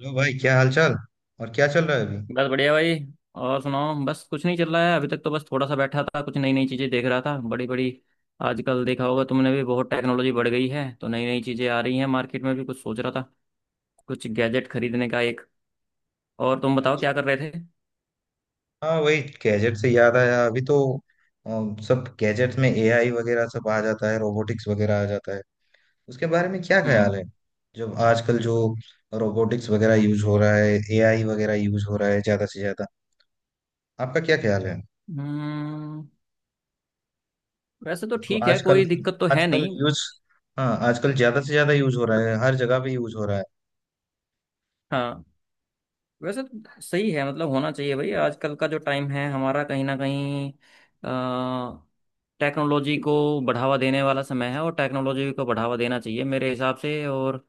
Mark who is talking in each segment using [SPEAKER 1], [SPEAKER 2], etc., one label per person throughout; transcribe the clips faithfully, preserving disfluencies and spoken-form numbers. [SPEAKER 1] Hello भाई, क्या हाल चाल। और क्या चल रहा है अभी।
[SPEAKER 2] बस बढ़िया भाई। और सुनाओ, बस कुछ नहीं चल रहा है अभी तक तो। बस थोड़ा सा बैठा था, कुछ नई नई चीज़ें देख रहा था, बड़ी बड़ी। आजकल देखा होगा तुमने भी, बहुत टेक्नोलॉजी बढ़ गई है तो नई नई चीज़ें आ रही हैं मार्केट में भी। कुछ सोच रहा था कुछ गैजेट खरीदने का एक। और तुम बताओ
[SPEAKER 1] अच्छा,
[SPEAKER 2] क्या कर रहे थे।
[SPEAKER 1] हाँ वही गैजेट से याद आया अभी तो अम, सब गैजेट्स में एआई वगैरह सब आ जाता है, रोबोटिक्स वगैरह आ जाता है। उसके बारे में क्या ख्याल
[SPEAKER 2] हम्म।
[SPEAKER 1] है। जब आजकल जो रोबोटिक्स वगैरह यूज हो रहा है, एआई वगैरह यूज हो रहा है ज्यादा से ज्यादा, आपका क्या ख्याल है।
[SPEAKER 2] हम्म, वैसे तो
[SPEAKER 1] मतलब
[SPEAKER 2] ठीक है,
[SPEAKER 1] आजकल
[SPEAKER 2] कोई दिक्कत तो है
[SPEAKER 1] आजकल
[SPEAKER 2] नहीं।
[SPEAKER 1] यूज, हाँ आजकल ज्यादा से ज्यादा यूज हो रहा है, हर जगह पे यूज हो रहा है।
[SPEAKER 2] हाँ, वैसे तो सही है। मतलब होना चाहिए भाई, आजकल का जो टाइम है हमारा, कहीं ना कहीं अ, टेक्नोलॉजी को बढ़ावा देने वाला समय है। और टेक्नोलॉजी को बढ़ावा देना चाहिए मेरे हिसाब से। और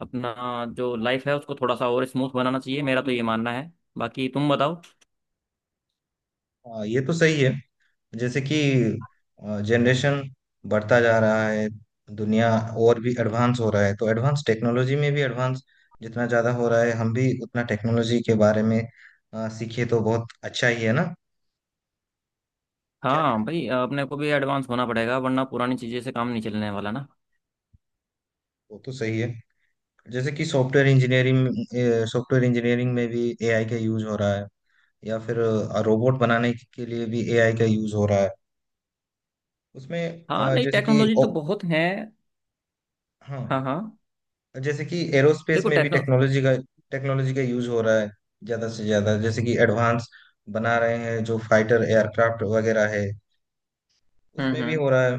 [SPEAKER 2] अपना जो लाइफ है उसको थोड़ा सा और स्मूथ बनाना चाहिए, मेरा तो ये मानना है। बाकी तुम बताओ।
[SPEAKER 1] हाँ ये तो सही है। जैसे कि जनरेशन बढ़ता जा रहा है, दुनिया और भी एडवांस हो रहा है, तो एडवांस टेक्नोलॉजी में भी एडवांस जितना ज़्यादा हो रहा है, हम भी उतना टेक्नोलॉजी के बारे में अ, सीखे तो बहुत अच्छा ही है ना। क्या कह
[SPEAKER 2] हाँ
[SPEAKER 1] रहे हैं।
[SPEAKER 2] भाई, अपने को भी एडवांस होना पड़ेगा वरना पुरानी चीज़ें से काम नहीं चलने वाला ना।
[SPEAKER 1] वो तो सही है। जैसे कि सॉफ्टवेयर इंजीनियरिंग, सॉफ्टवेयर इंजीनियरिंग में भी एआई का यूज हो रहा है, या फिर रोबोट बनाने के लिए भी एआई का यूज हो रहा है। उसमें
[SPEAKER 2] हाँ,
[SPEAKER 1] अ,
[SPEAKER 2] नहीं
[SPEAKER 1] जैसे कि
[SPEAKER 2] टेक्नोलॉजी तो
[SPEAKER 1] ओ,
[SPEAKER 2] बहुत है। हाँ हाँ।
[SPEAKER 1] हाँ जैसे कि एरोस्पेस
[SPEAKER 2] देखो
[SPEAKER 1] में भी
[SPEAKER 2] टेक्नो
[SPEAKER 1] टेक्नोलॉजी का टेक्नोलॉजी का यूज हो रहा है ज्यादा से ज्यादा। जैसे कि एडवांस बना रहे हैं जो फाइटर एयरक्राफ्ट वगैरह है,
[SPEAKER 2] हम्म
[SPEAKER 1] उसमें भी
[SPEAKER 2] हम्म।
[SPEAKER 1] हो रहा है।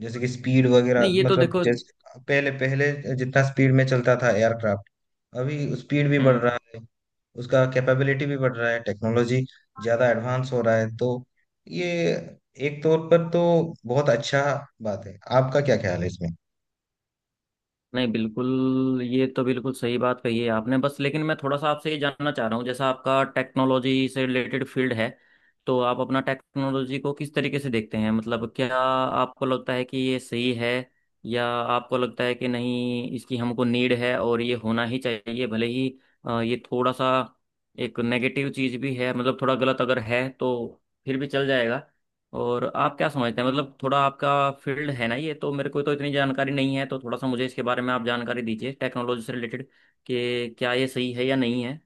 [SPEAKER 1] जैसे कि स्पीड वगैरह,
[SPEAKER 2] नहीं ये तो
[SPEAKER 1] मतलब
[SPEAKER 2] देखो।
[SPEAKER 1] जैसे पहले पहले जितना स्पीड में चलता था एयरक्राफ्ट, अभी स्पीड भी बढ़
[SPEAKER 2] हम्म।
[SPEAKER 1] रहा है, उसका कैपेबिलिटी भी बढ़ रहा है। टेक्नोलॉजी ज्यादा एडवांस हो रहा है, तो ये एक तौर पर तो बहुत अच्छा बात है। आपका क्या ख्याल है इसमें।
[SPEAKER 2] नहीं बिल्कुल, ये तो बिल्कुल सही बात कही है आपने। बस लेकिन मैं थोड़ा सा आपसे ये जानना चाह रहा हूँ, जैसा आपका टेक्नोलॉजी से रिलेटेड फील्ड है, तो आप अपना टेक्नोलॉजी को किस तरीके से देखते हैं? मतलब क्या आपको लगता है कि ये सही है, या आपको लगता है कि नहीं, इसकी हमको नीड है और ये होना ही चाहिए, भले ही अ, ये थोड़ा सा एक नेगेटिव चीज़ भी है, मतलब थोड़ा गलत अगर है तो फिर भी चल जाएगा। और आप क्या समझते हैं? मतलब थोड़ा आपका फील्ड है ना ये, तो मेरे को तो इतनी जानकारी नहीं है, तो थोड़ा सा मुझे इसके बारे में आप जानकारी दीजिए टेक्नोलॉजी से रिलेटेड कि क्या ये सही है या नहीं है।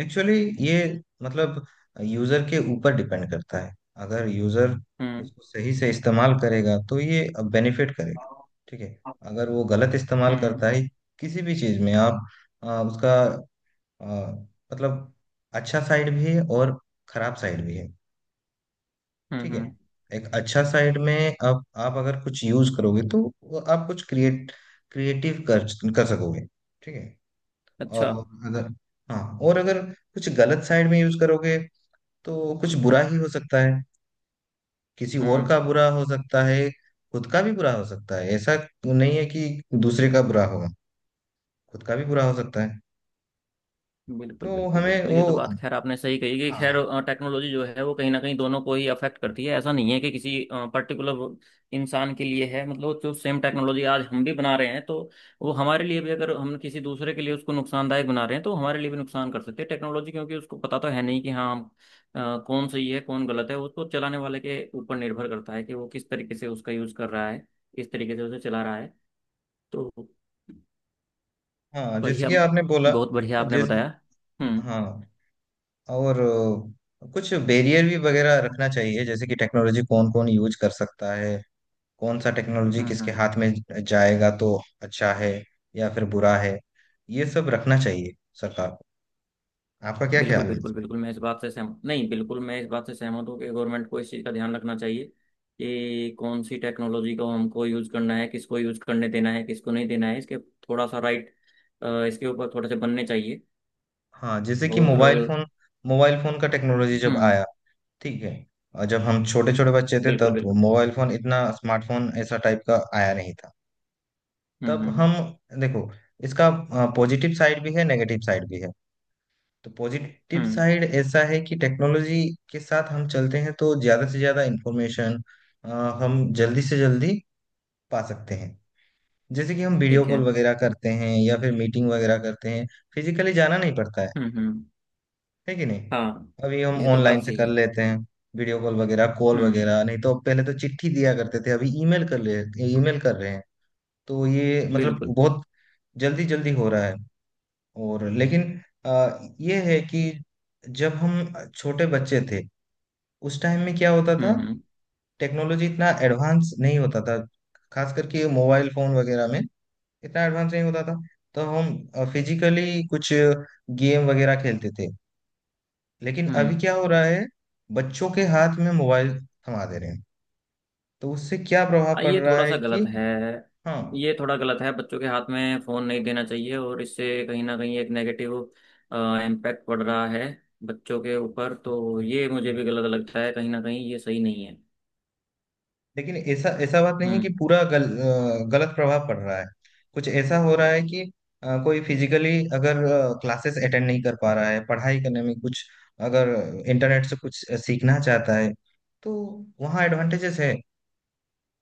[SPEAKER 1] एक्चुअली ये मतलब यूजर के ऊपर डिपेंड करता है। अगर यूजर
[SPEAKER 2] हम्म।
[SPEAKER 1] उसको सही से इस्तेमाल करेगा तो ये बेनिफिट करेगा, ठीक है। अगर वो गलत इस्तेमाल
[SPEAKER 2] हम्म।
[SPEAKER 1] करता है किसी भी चीज में, आप आ, उसका आ, मतलब अच्छा साइड भी है और खराब साइड भी है,
[SPEAKER 2] हम्म।
[SPEAKER 1] ठीक है।
[SPEAKER 2] हम्म।
[SPEAKER 1] एक अच्छा साइड में, आप आप अगर कुछ यूज करोगे तो वो आप कुछ क्रिएट क्रिएटिव कर कर सकोगे, ठीक है।
[SPEAKER 2] अच्छा।
[SPEAKER 1] और अगर, हाँ और अगर कुछ गलत साइड में यूज करोगे तो कुछ बुरा ही हो सकता है। किसी और
[SPEAKER 2] हम्म।
[SPEAKER 1] का बुरा हो सकता है, खुद का भी बुरा हो सकता है। ऐसा तो नहीं है कि दूसरे का बुरा होगा, खुद का भी बुरा हो सकता है।
[SPEAKER 2] बिल्कुल
[SPEAKER 1] तो
[SPEAKER 2] बिल्कुल
[SPEAKER 1] हमें
[SPEAKER 2] बिल्कुल,
[SPEAKER 1] वो,
[SPEAKER 2] ये तो बात खैर आपने सही कही कि खैर
[SPEAKER 1] हाँ
[SPEAKER 2] टेक्नोलॉजी जो है वो कहीं ना कहीं दोनों को ही अफेक्ट करती है। ऐसा नहीं है कि किसी पर्टिकुलर इंसान के लिए है। मतलब जो सेम टेक्नोलॉजी आज हम भी बना रहे हैं तो वो हमारे लिए भी, अगर हम किसी दूसरे के लिए उसको नुकसानदायक बना रहे हैं तो हमारे लिए भी नुकसान कर सकते हैं टेक्नोलॉजी, क्योंकि उसको पता तो है नहीं कि हाँ हम अ, कौन सही है कौन गलत है। उसको चलाने वाले के ऊपर निर्भर करता है कि वो किस तरीके से उसका यूज कर रहा है, किस तरीके से उसे चला रहा है तो।
[SPEAKER 1] हाँ जैसे
[SPEAKER 2] बढ़िया,
[SPEAKER 1] कि आपने बोला
[SPEAKER 2] बहुत बढ़िया आपने
[SPEAKER 1] जिस,
[SPEAKER 2] बताया। हम्म
[SPEAKER 1] हाँ और अ, कुछ बैरियर भी वगैरह रखना चाहिए। जैसे कि टेक्नोलॉजी कौन कौन यूज कर सकता है, कौन सा टेक्नोलॉजी
[SPEAKER 2] हम्म
[SPEAKER 1] किसके
[SPEAKER 2] हम्म।
[SPEAKER 1] हाथ में जाएगा तो अच्छा है या फिर बुरा है, ये सब रखना चाहिए सरकार को। आपका क्या ख्याल
[SPEAKER 2] बिल्कुल
[SPEAKER 1] है
[SPEAKER 2] बिल्कुल
[SPEAKER 1] इसमें।
[SPEAKER 2] बिल्कुल, मैं इस बात से सहमत नहीं। बिल्कुल मैं इस बात से सहमत हूँ कि गवर्नमेंट को इस चीज़ का ध्यान रखना चाहिए कि कौन सी टेक्नोलॉजी को हमको यूज़ करना है, किसको यूज़ करने देना है, किसको नहीं देना है। इसके थोड़ा सा राइट इसके ऊपर थोड़े से बनने चाहिए।
[SPEAKER 1] हाँ जैसे कि
[SPEAKER 2] और।
[SPEAKER 1] मोबाइल फोन, मोबाइल फोन का टेक्नोलॉजी जब
[SPEAKER 2] हम्म।
[SPEAKER 1] आया, ठीक है। और जब हम छोटे छोटे बच्चे थे,
[SPEAKER 2] बिल्कुल
[SPEAKER 1] तब
[SPEAKER 2] बिल्कुल।
[SPEAKER 1] मोबाइल फोन इतना स्मार्टफोन ऐसा टाइप का आया नहीं था।
[SPEAKER 2] हम्म
[SPEAKER 1] तब
[SPEAKER 2] हम्म
[SPEAKER 1] हम, देखो इसका पॉजिटिव साइड भी है, नेगेटिव साइड भी है। तो पॉजिटिव
[SPEAKER 2] हम्म।
[SPEAKER 1] साइड ऐसा है कि टेक्नोलॉजी के साथ हम चलते हैं तो ज्यादा से ज्यादा इंफॉर्मेशन हम जल्दी से जल्दी पा सकते हैं। जैसे कि हम वीडियो
[SPEAKER 2] ठीक है।
[SPEAKER 1] कॉल वगैरह करते हैं या फिर मीटिंग वगैरह करते हैं, फिजिकली जाना नहीं पड़ता है
[SPEAKER 2] हम्म हम्म।
[SPEAKER 1] है कि नहीं।
[SPEAKER 2] हाँ
[SPEAKER 1] अभी हम
[SPEAKER 2] ये तो
[SPEAKER 1] ऑनलाइन
[SPEAKER 2] बात
[SPEAKER 1] से
[SPEAKER 2] सही
[SPEAKER 1] कर
[SPEAKER 2] है।
[SPEAKER 1] लेते हैं, वीडियो कॉल वगैरह, कॉल
[SPEAKER 2] हम्म।
[SPEAKER 1] वगैरह। नहीं तो पहले तो चिट्ठी दिया करते थे, अभी ईमेल कर ले, ईमेल कर रहे हैं। तो ये मतलब
[SPEAKER 2] बिल्कुल।
[SPEAKER 1] बहुत जल्दी जल्दी हो रहा है। और लेकिन आ, ये है कि जब हम छोटे बच्चे थे, उस टाइम में क्या होता था,
[SPEAKER 2] हम्म हम्म
[SPEAKER 1] टेक्नोलॉजी इतना एडवांस नहीं होता था, खास करके मोबाइल फोन वगैरह में इतना एडवांस नहीं होता था। तो हम फिजिकली कुछ गेम वगैरह खेलते थे। लेकिन अभी
[SPEAKER 2] हम्म।
[SPEAKER 1] क्या हो रहा है, बच्चों के हाथ में मोबाइल थमा दे रहे हैं, तो उससे क्या प्रभाव
[SPEAKER 2] हाँ,
[SPEAKER 1] पड़
[SPEAKER 2] ये
[SPEAKER 1] रहा
[SPEAKER 2] थोड़ा
[SPEAKER 1] है
[SPEAKER 2] सा
[SPEAKER 1] कि,
[SPEAKER 2] गलत है।
[SPEAKER 1] हाँ
[SPEAKER 2] ये थोड़ा गलत है, बच्चों के हाथ में फ़ोन नहीं देना चाहिए और इससे कहीं ना कहीं एक नेगेटिव इम्पैक्ट पड़ रहा है बच्चों के ऊपर। तो ये मुझे भी गलत लगता है, कहीं ना कहीं ये सही नहीं है।
[SPEAKER 1] लेकिन ऐसा ऐसा बात नहीं है कि
[SPEAKER 2] हम्म
[SPEAKER 1] पूरा गल, अ, गलत प्रभाव पड़ रहा है। कुछ ऐसा हो रहा है कि अ, कोई फिजिकली अगर क्लासेस अटेंड नहीं कर पा रहा है, पढ़ाई करने में कुछ, अगर इंटरनेट से कुछ सीखना चाहता है तो वहाँ एडवांटेजेस है,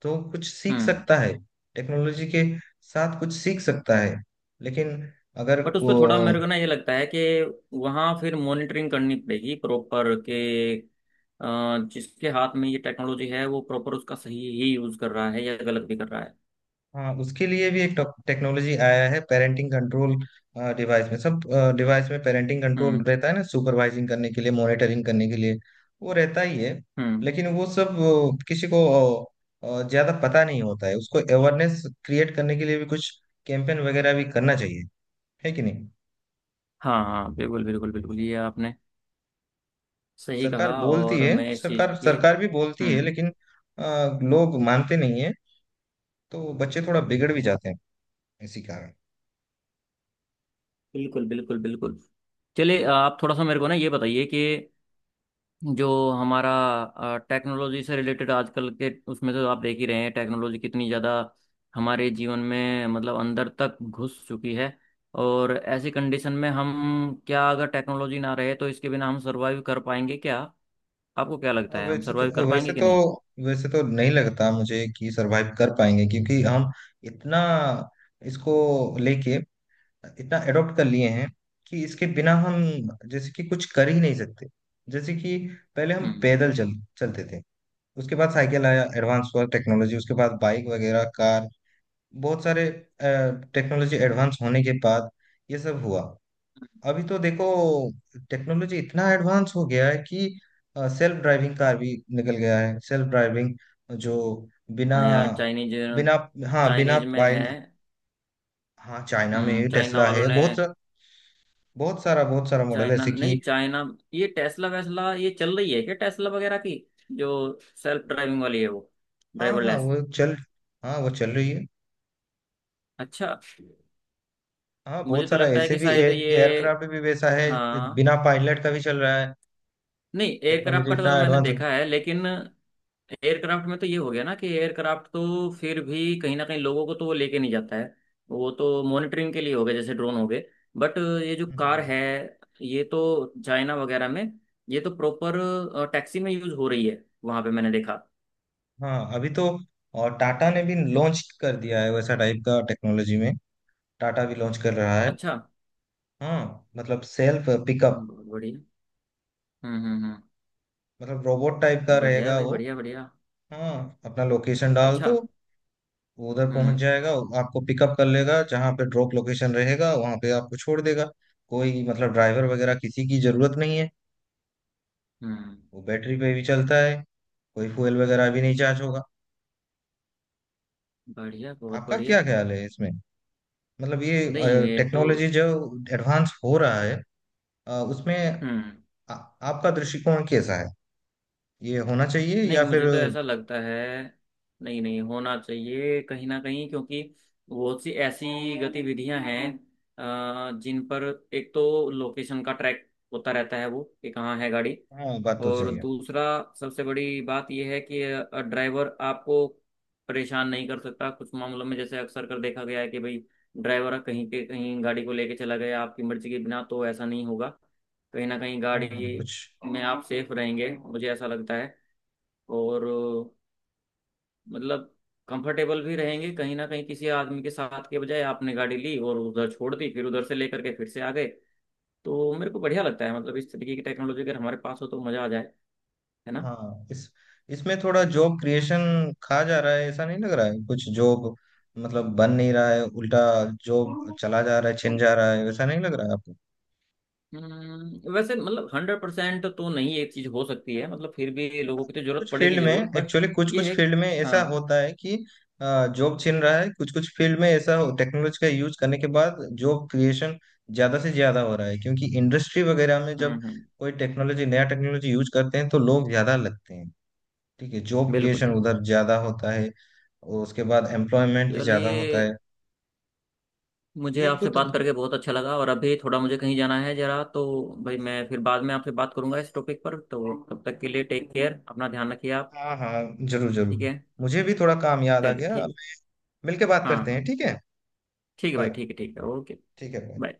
[SPEAKER 1] तो कुछ सीख
[SPEAKER 2] हम्म।
[SPEAKER 1] सकता है, टेक्नोलॉजी के साथ कुछ सीख सकता है। लेकिन अगर
[SPEAKER 2] बट उस
[SPEAKER 1] को,
[SPEAKER 2] पर थोड़ा मेरे को ना ये लगता है कि वहाँ फिर मॉनिटरिंग करनी पड़ेगी प्रॉपर के अ, जिसके हाथ में ये टेक्नोलॉजी है वो प्रॉपर उसका सही ही यूज़ कर रहा है या गलत भी कर रहा है।
[SPEAKER 1] हाँ उसके लिए भी एक टेक्नोलॉजी आया है, पेरेंटिंग कंट्रोल। डिवाइस में सब, डिवाइस में पेरेंटिंग कंट्रोल
[SPEAKER 2] हम्म
[SPEAKER 1] रहता है ना, सुपरवाइजिंग करने के लिए, मॉनिटरिंग करने के लिए, वो रहता ही है।
[SPEAKER 2] हम्म।
[SPEAKER 1] लेकिन वो सब अ, किसी को अ, अ, ज्यादा पता नहीं होता है, उसको अवेयरनेस क्रिएट करने के लिए भी कुछ कैंपेन वगैरह भी करना चाहिए, है कि नहीं।
[SPEAKER 2] हाँ हाँ बिल्कुल बिल्कुल बिल्कुल, ये आपने सही
[SPEAKER 1] सरकार
[SPEAKER 2] कहा
[SPEAKER 1] बोलती
[SPEAKER 2] और
[SPEAKER 1] है,
[SPEAKER 2] मैं इस चीज़
[SPEAKER 1] सरकार
[SPEAKER 2] की।
[SPEAKER 1] सरकार भी बोलती है,
[SPEAKER 2] हम्म।
[SPEAKER 1] लेकिन आ, लोग मानते नहीं है, तो बच्चे थोड़ा बिगड़ भी जाते हैं इसी कारण।
[SPEAKER 2] बिल्कुल बिल्कुल बिल्कुल। चलिए आप थोड़ा सा मेरे को ना ये बताइए कि जो हमारा टेक्नोलॉजी से रिलेटेड आजकल के उसमें तो आप देख ही रहे हैं टेक्नोलॉजी कितनी ज़्यादा हमारे जीवन में मतलब अंदर तक घुस चुकी है। और ऐसी कंडीशन में हम क्या अगर टेक्नोलॉजी ना रहे तो इसके बिना हम सर्वाइव कर पाएंगे क्या? आपको क्या लगता
[SPEAKER 1] अब
[SPEAKER 2] है हम
[SPEAKER 1] वैसे
[SPEAKER 2] सर्वाइव
[SPEAKER 1] तो
[SPEAKER 2] कर पाएंगे
[SPEAKER 1] वैसे
[SPEAKER 2] कि
[SPEAKER 1] तो
[SPEAKER 2] नहीं?
[SPEAKER 1] वैसे तो नहीं लगता मुझे कि सरवाइव कर पाएंगे, क्योंकि हम इतना इसको लेके इतना एडॉप्ट कर लिए हैं कि इसके बिना हम जैसे कि कुछ कर ही नहीं सकते। जैसे कि पहले हम
[SPEAKER 2] हम्म।
[SPEAKER 1] पैदल चल चलते थे, उसके बाद साइकिल आया, एडवांस हुआ टेक्नोलॉजी, उसके बाद बाइक वगैरह कार, बहुत सारे टेक्नोलॉजी एडवांस होने के बाद ये सब हुआ। अभी तो देखो टेक्नोलॉजी इतना एडवांस हो गया है कि सेल्फ ड्राइविंग कार भी निकल गया है। सेल्फ ड्राइविंग जो बिना,
[SPEAKER 2] हाँ यार, चाइनीज।
[SPEAKER 1] बिना, हाँ बिना
[SPEAKER 2] चाइनीज में है।
[SPEAKER 1] पायल, हाँ चाइना
[SPEAKER 2] हम्म,
[SPEAKER 1] में
[SPEAKER 2] चाइना
[SPEAKER 1] टेस्ला
[SPEAKER 2] वालों
[SPEAKER 1] है
[SPEAKER 2] ने।
[SPEAKER 1] बहुत सा, बहुत सारा, बहुत सारा मॉडल
[SPEAKER 2] चाइना
[SPEAKER 1] ऐसे
[SPEAKER 2] नहीं
[SPEAKER 1] कि,
[SPEAKER 2] चाइना, ये टेस्ला वेस्ला ये चल रही है क्या? टेस्ला वगैरह की जो सेल्फ ड्राइविंग वाली है वो
[SPEAKER 1] हाँ हाँ
[SPEAKER 2] ड्राइवरलेस।
[SPEAKER 1] वो चल, हाँ वो चल रही है।
[SPEAKER 2] अच्छा।
[SPEAKER 1] हाँ
[SPEAKER 2] मुझे
[SPEAKER 1] बहुत
[SPEAKER 2] तो
[SPEAKER 1] सारा
[SPEAKER 2] लगता है
[SPEAKER 1] ऐसे
[SPEAKER 2] कि
[SPEAKER 1] भी,
[SPEAKER 2] शायद ये।
[SPEAKER 1] एयरक्राफ्ट भी वैसा है,
[SPEAKER 2] हाँ।
[SPEAKER 1] बिना पायलट का भी चल रहा है।
[SPEAKER 2] नहीं, एयरक्राफ्ट
[SPEAKER 1] टेक्नोलॉजी
[SPEAKER 2] का
[SPEAKER 1] इतना
[SPEAKER 2] तो मैंने
[SPEAKER 1] एडवांस हो
[SPEAKER 2] देखा है लेकिन एयरक्राफ्ट में तो ये हो गया ना कि एयरक्राफ्ट तो फिर भी कहीं ना कहीं लोगों को तो वो लेके नहीं जाता है, वो तो मॉनिटरिंग के लिए हो गए जैसे ड्रोन हो गए। बट ये जो कार
[SPEAKER 1] गया।
[SPEAKER 2] है, ये तो चाइना वगैरह में, ये तो प्रॉपर टैक्सी में यूज हो रही है वहां पे मैंने देखा।
[SPEAKER 1] हाँ अभी तो, और टाटा ने भी लॉन्च कर दिया है वैसा टाइप का टेक्नोलॉजी में, टाटा भी लॉन्च कर रहा है।
[SPEAKER 2] अच्छा,
[SPEAKER 1] हाँ मतलब सेल्फ पिकअप,
[SPEAKER 2] बहुत बढ़िया। हम्म हम्म हम्म।
[SPEAKER 1] मतलब रोबोट टाइप का
[SPEAKER 2] बढ़िया है
[SPEAKER 1] रहेगा
[SPEAKER 2] भाई,
[SPEAKER 1] वो।
[SPEAKER 2] बढ़िया बढ़िया।
[SPEAKER 1] हाँ अपना लोकेशन डाल
[SPEAKER 2] अच्छा।
[SPEAKER 1] दो, वो उधर पहुंच
[SPEAKER 2] हम्म
[SPEAKER 1] जाएगा, वो आपको पिकअप कर लेगा, जहाँ पे ड्रॉप लोकेशन रहेगा वहां पे आपको छोड़ देगा। कोई मतलब ड्राइवर वगैरह किसी की जरूरत नहीं है।
[SPEAKER 2] हम्म।
[SPEAKER 1] वो बैटरी पे भी चलता है, कोई फ्यूल वगैरह भी नहीं चार्ज होगा।
[SPEAKER 2] बढ़िया बहुत
[SPEAKER 1] आपका क्या
[SPEAKER 2] बढ़िया।
[SPEAKER 1] ख्याल है इसमें, मतलब ये
[SPEAKER 2] नहीं ये तो।
[SPEAKER 1] टेक्नोलॉजी जो एडवांस हो रहा है अ, उसमें
[SPEAKER 2] हम्म।
[SPEAKER 1] आ, आपका दृष्टिकोण कैसा है, ये होना चाहिए
[SPEAKER 2] नहीं
[SPEAKER 1] या
[SPEAKER 2] मुझे
[SPEAKER 1] फिर,
[SPEAKER 2] तो ऐसा लगता है। नहीं नहीं होना चाहिए कहीं ना कहीं, क्योंकि बहुत सी ऐसी गतिविधियां हैं अ, जिन पर एक तो लोकेशन का ट्रैक होता रहता है वो कि कहाँ है गाड़ी।
[SPEAKER 1] हाँ बात तो
[SPEAKER 2] और
[SPEAKER 1] सही है।
[SPEAKER 2] दूसरा सबसे बड़ी बात यह है कि अ, ड्राइवर आपको परेशान नहीं कर सकता कुछ मामलों में। जैसे अक्सर कर देखा गया है कि भाई ड्राइवर कहीं के कहीं गाड़ी को लेके चला गया आपकी मर्जी के बिना, तो ऐसा नहीं होगा। कहीं ना कहीं
[SPEAKER 1] हाँ हाँ
[SPEAKER 2] गाड़ी
[SPEAKER 1] कुछ,
[SPEAKER 2] में आप सेफ रहेंगे, मुझे ऐसा लगता है। और अ, मतलब कंफर्टेबल भी रहेंगे कहीं ना कहीं, किसी आदमी के साथ के बजाय आपने गाड़ी ली और उधर छोड़ दी फिर उधर से लेकर के फिर से आ गए। तो मेरे को बढ़िया लगता है, मतलब इस तरीके की टेक्नोलॉजी अगर हमारे पास हो तो मज़ा आ जाए। है ना?
[SPEAKER 1] हाँ इस, इसमें थोड़ा जॉब क्रिएशन खा जा रहा है, ऐसा नहीं लग रहा है, कुछ जॉब मतलब बन नहीं रहा है, उल्टा जॉब
[SPEAKER 2] हम्म,
[SPEAKER 1] चला जा रहा है, छिन जा रहा है, वैसा नहीं लग रहा है।
[SPEAKER 2] वैसे मतलब हंड्रेड परसेंट तो नहीं, एक चीज हो सकती है मतलब फिर भी लोगों की तो जरूरत
[SPEAKER 1] कुछ
[SPEAKER 2] पड़ेगी
[SPEAKER 1] फील्ड में
[SPEAKER 2] जरूर बट
[SPEAKER 1] एक्चुअली कुछ
[SPEAKER 2] ये
[SPEAKER 1] कुछ
[SPEAKER 2] है।
[SPEAKER 1] फील्ड में ऐसा
[SPEAKER 2] हाँ।
[SPEAKER 1] होता है कि जॉब छिन रहा है। कुछ कुछ फील्ड में ऐसा टेक्नोलॉजी का यूज करने के बाद जॉब क्रिएशन ज्यादा से ज्यादा हो रहा है, क्योंकि इंडस्ट्री वगैरह में
[SPEAKER 2] हम्म
[SPEAKER 1] जब
[SPEAKER 2] हम्म।
[SPEAKER 1] कोई टेक्नोलॉजी, नया टेक्नोलॉजी यूज करते हैं तो लोग ज्यादा लगते हैं, ठीक है। जॉब
[SPEAKER 2] बिल्कुल
[SPEAKER 1] क्रिएशन
[SPEAKER 2] बिल्कुल
[SPEAKER 1] उधर
[SPEAKER 2] बिल्कुल।
[SPEAKER 1] ज्यादा होता है, और उसके बाद एम्प्लॉयमेंट भी ज्यादा होता
[SPEAKER 2] चलिए,
[SPEAKER 1] है।
[SPEAKER 2] मुझे
[SPEAKER 1] ये
[SPEAKER 2] आपसे
[SPEAKER 1] कुछ,
[SPEAKER 2] बात करके बहुत अच्छा लगा और अभी थोड़ा मुझे कहीं जाना है जरा तो। भाई मैं फिर बाद में आपसे बात करूंगा इस टॉपिक पर, तो तब तक के लिए टेक केयर, अपना ध्यान रखिए आप।
[SPEAKER 1] हाँ हाँ जरूर जरूर,
[SPEAKER 2] ठीक है।
[SPEAKER 1] मुझे भी थोड़ा काम याद आ
[SPEAKER 2] चलिए
[SPEAKER 1] गया,
[SPEAKER 2] ठीक।
[SPEAKER 1] मिलके बात
[SPEAKER 2] हाँ
[SPEAKER 1] करते हैं,
[SPEAKER 2] हाँ।
[SPEAKER 1] ठीक है।
[SPEAKER 2] ठीक है भाई,
[SPEAKER 1] बाय।
[SPEAKER 2] ठीक है ठीक है ओके।
[SPEAKER 1] ठीक है, bye।
[SPEAKER 2] बाय।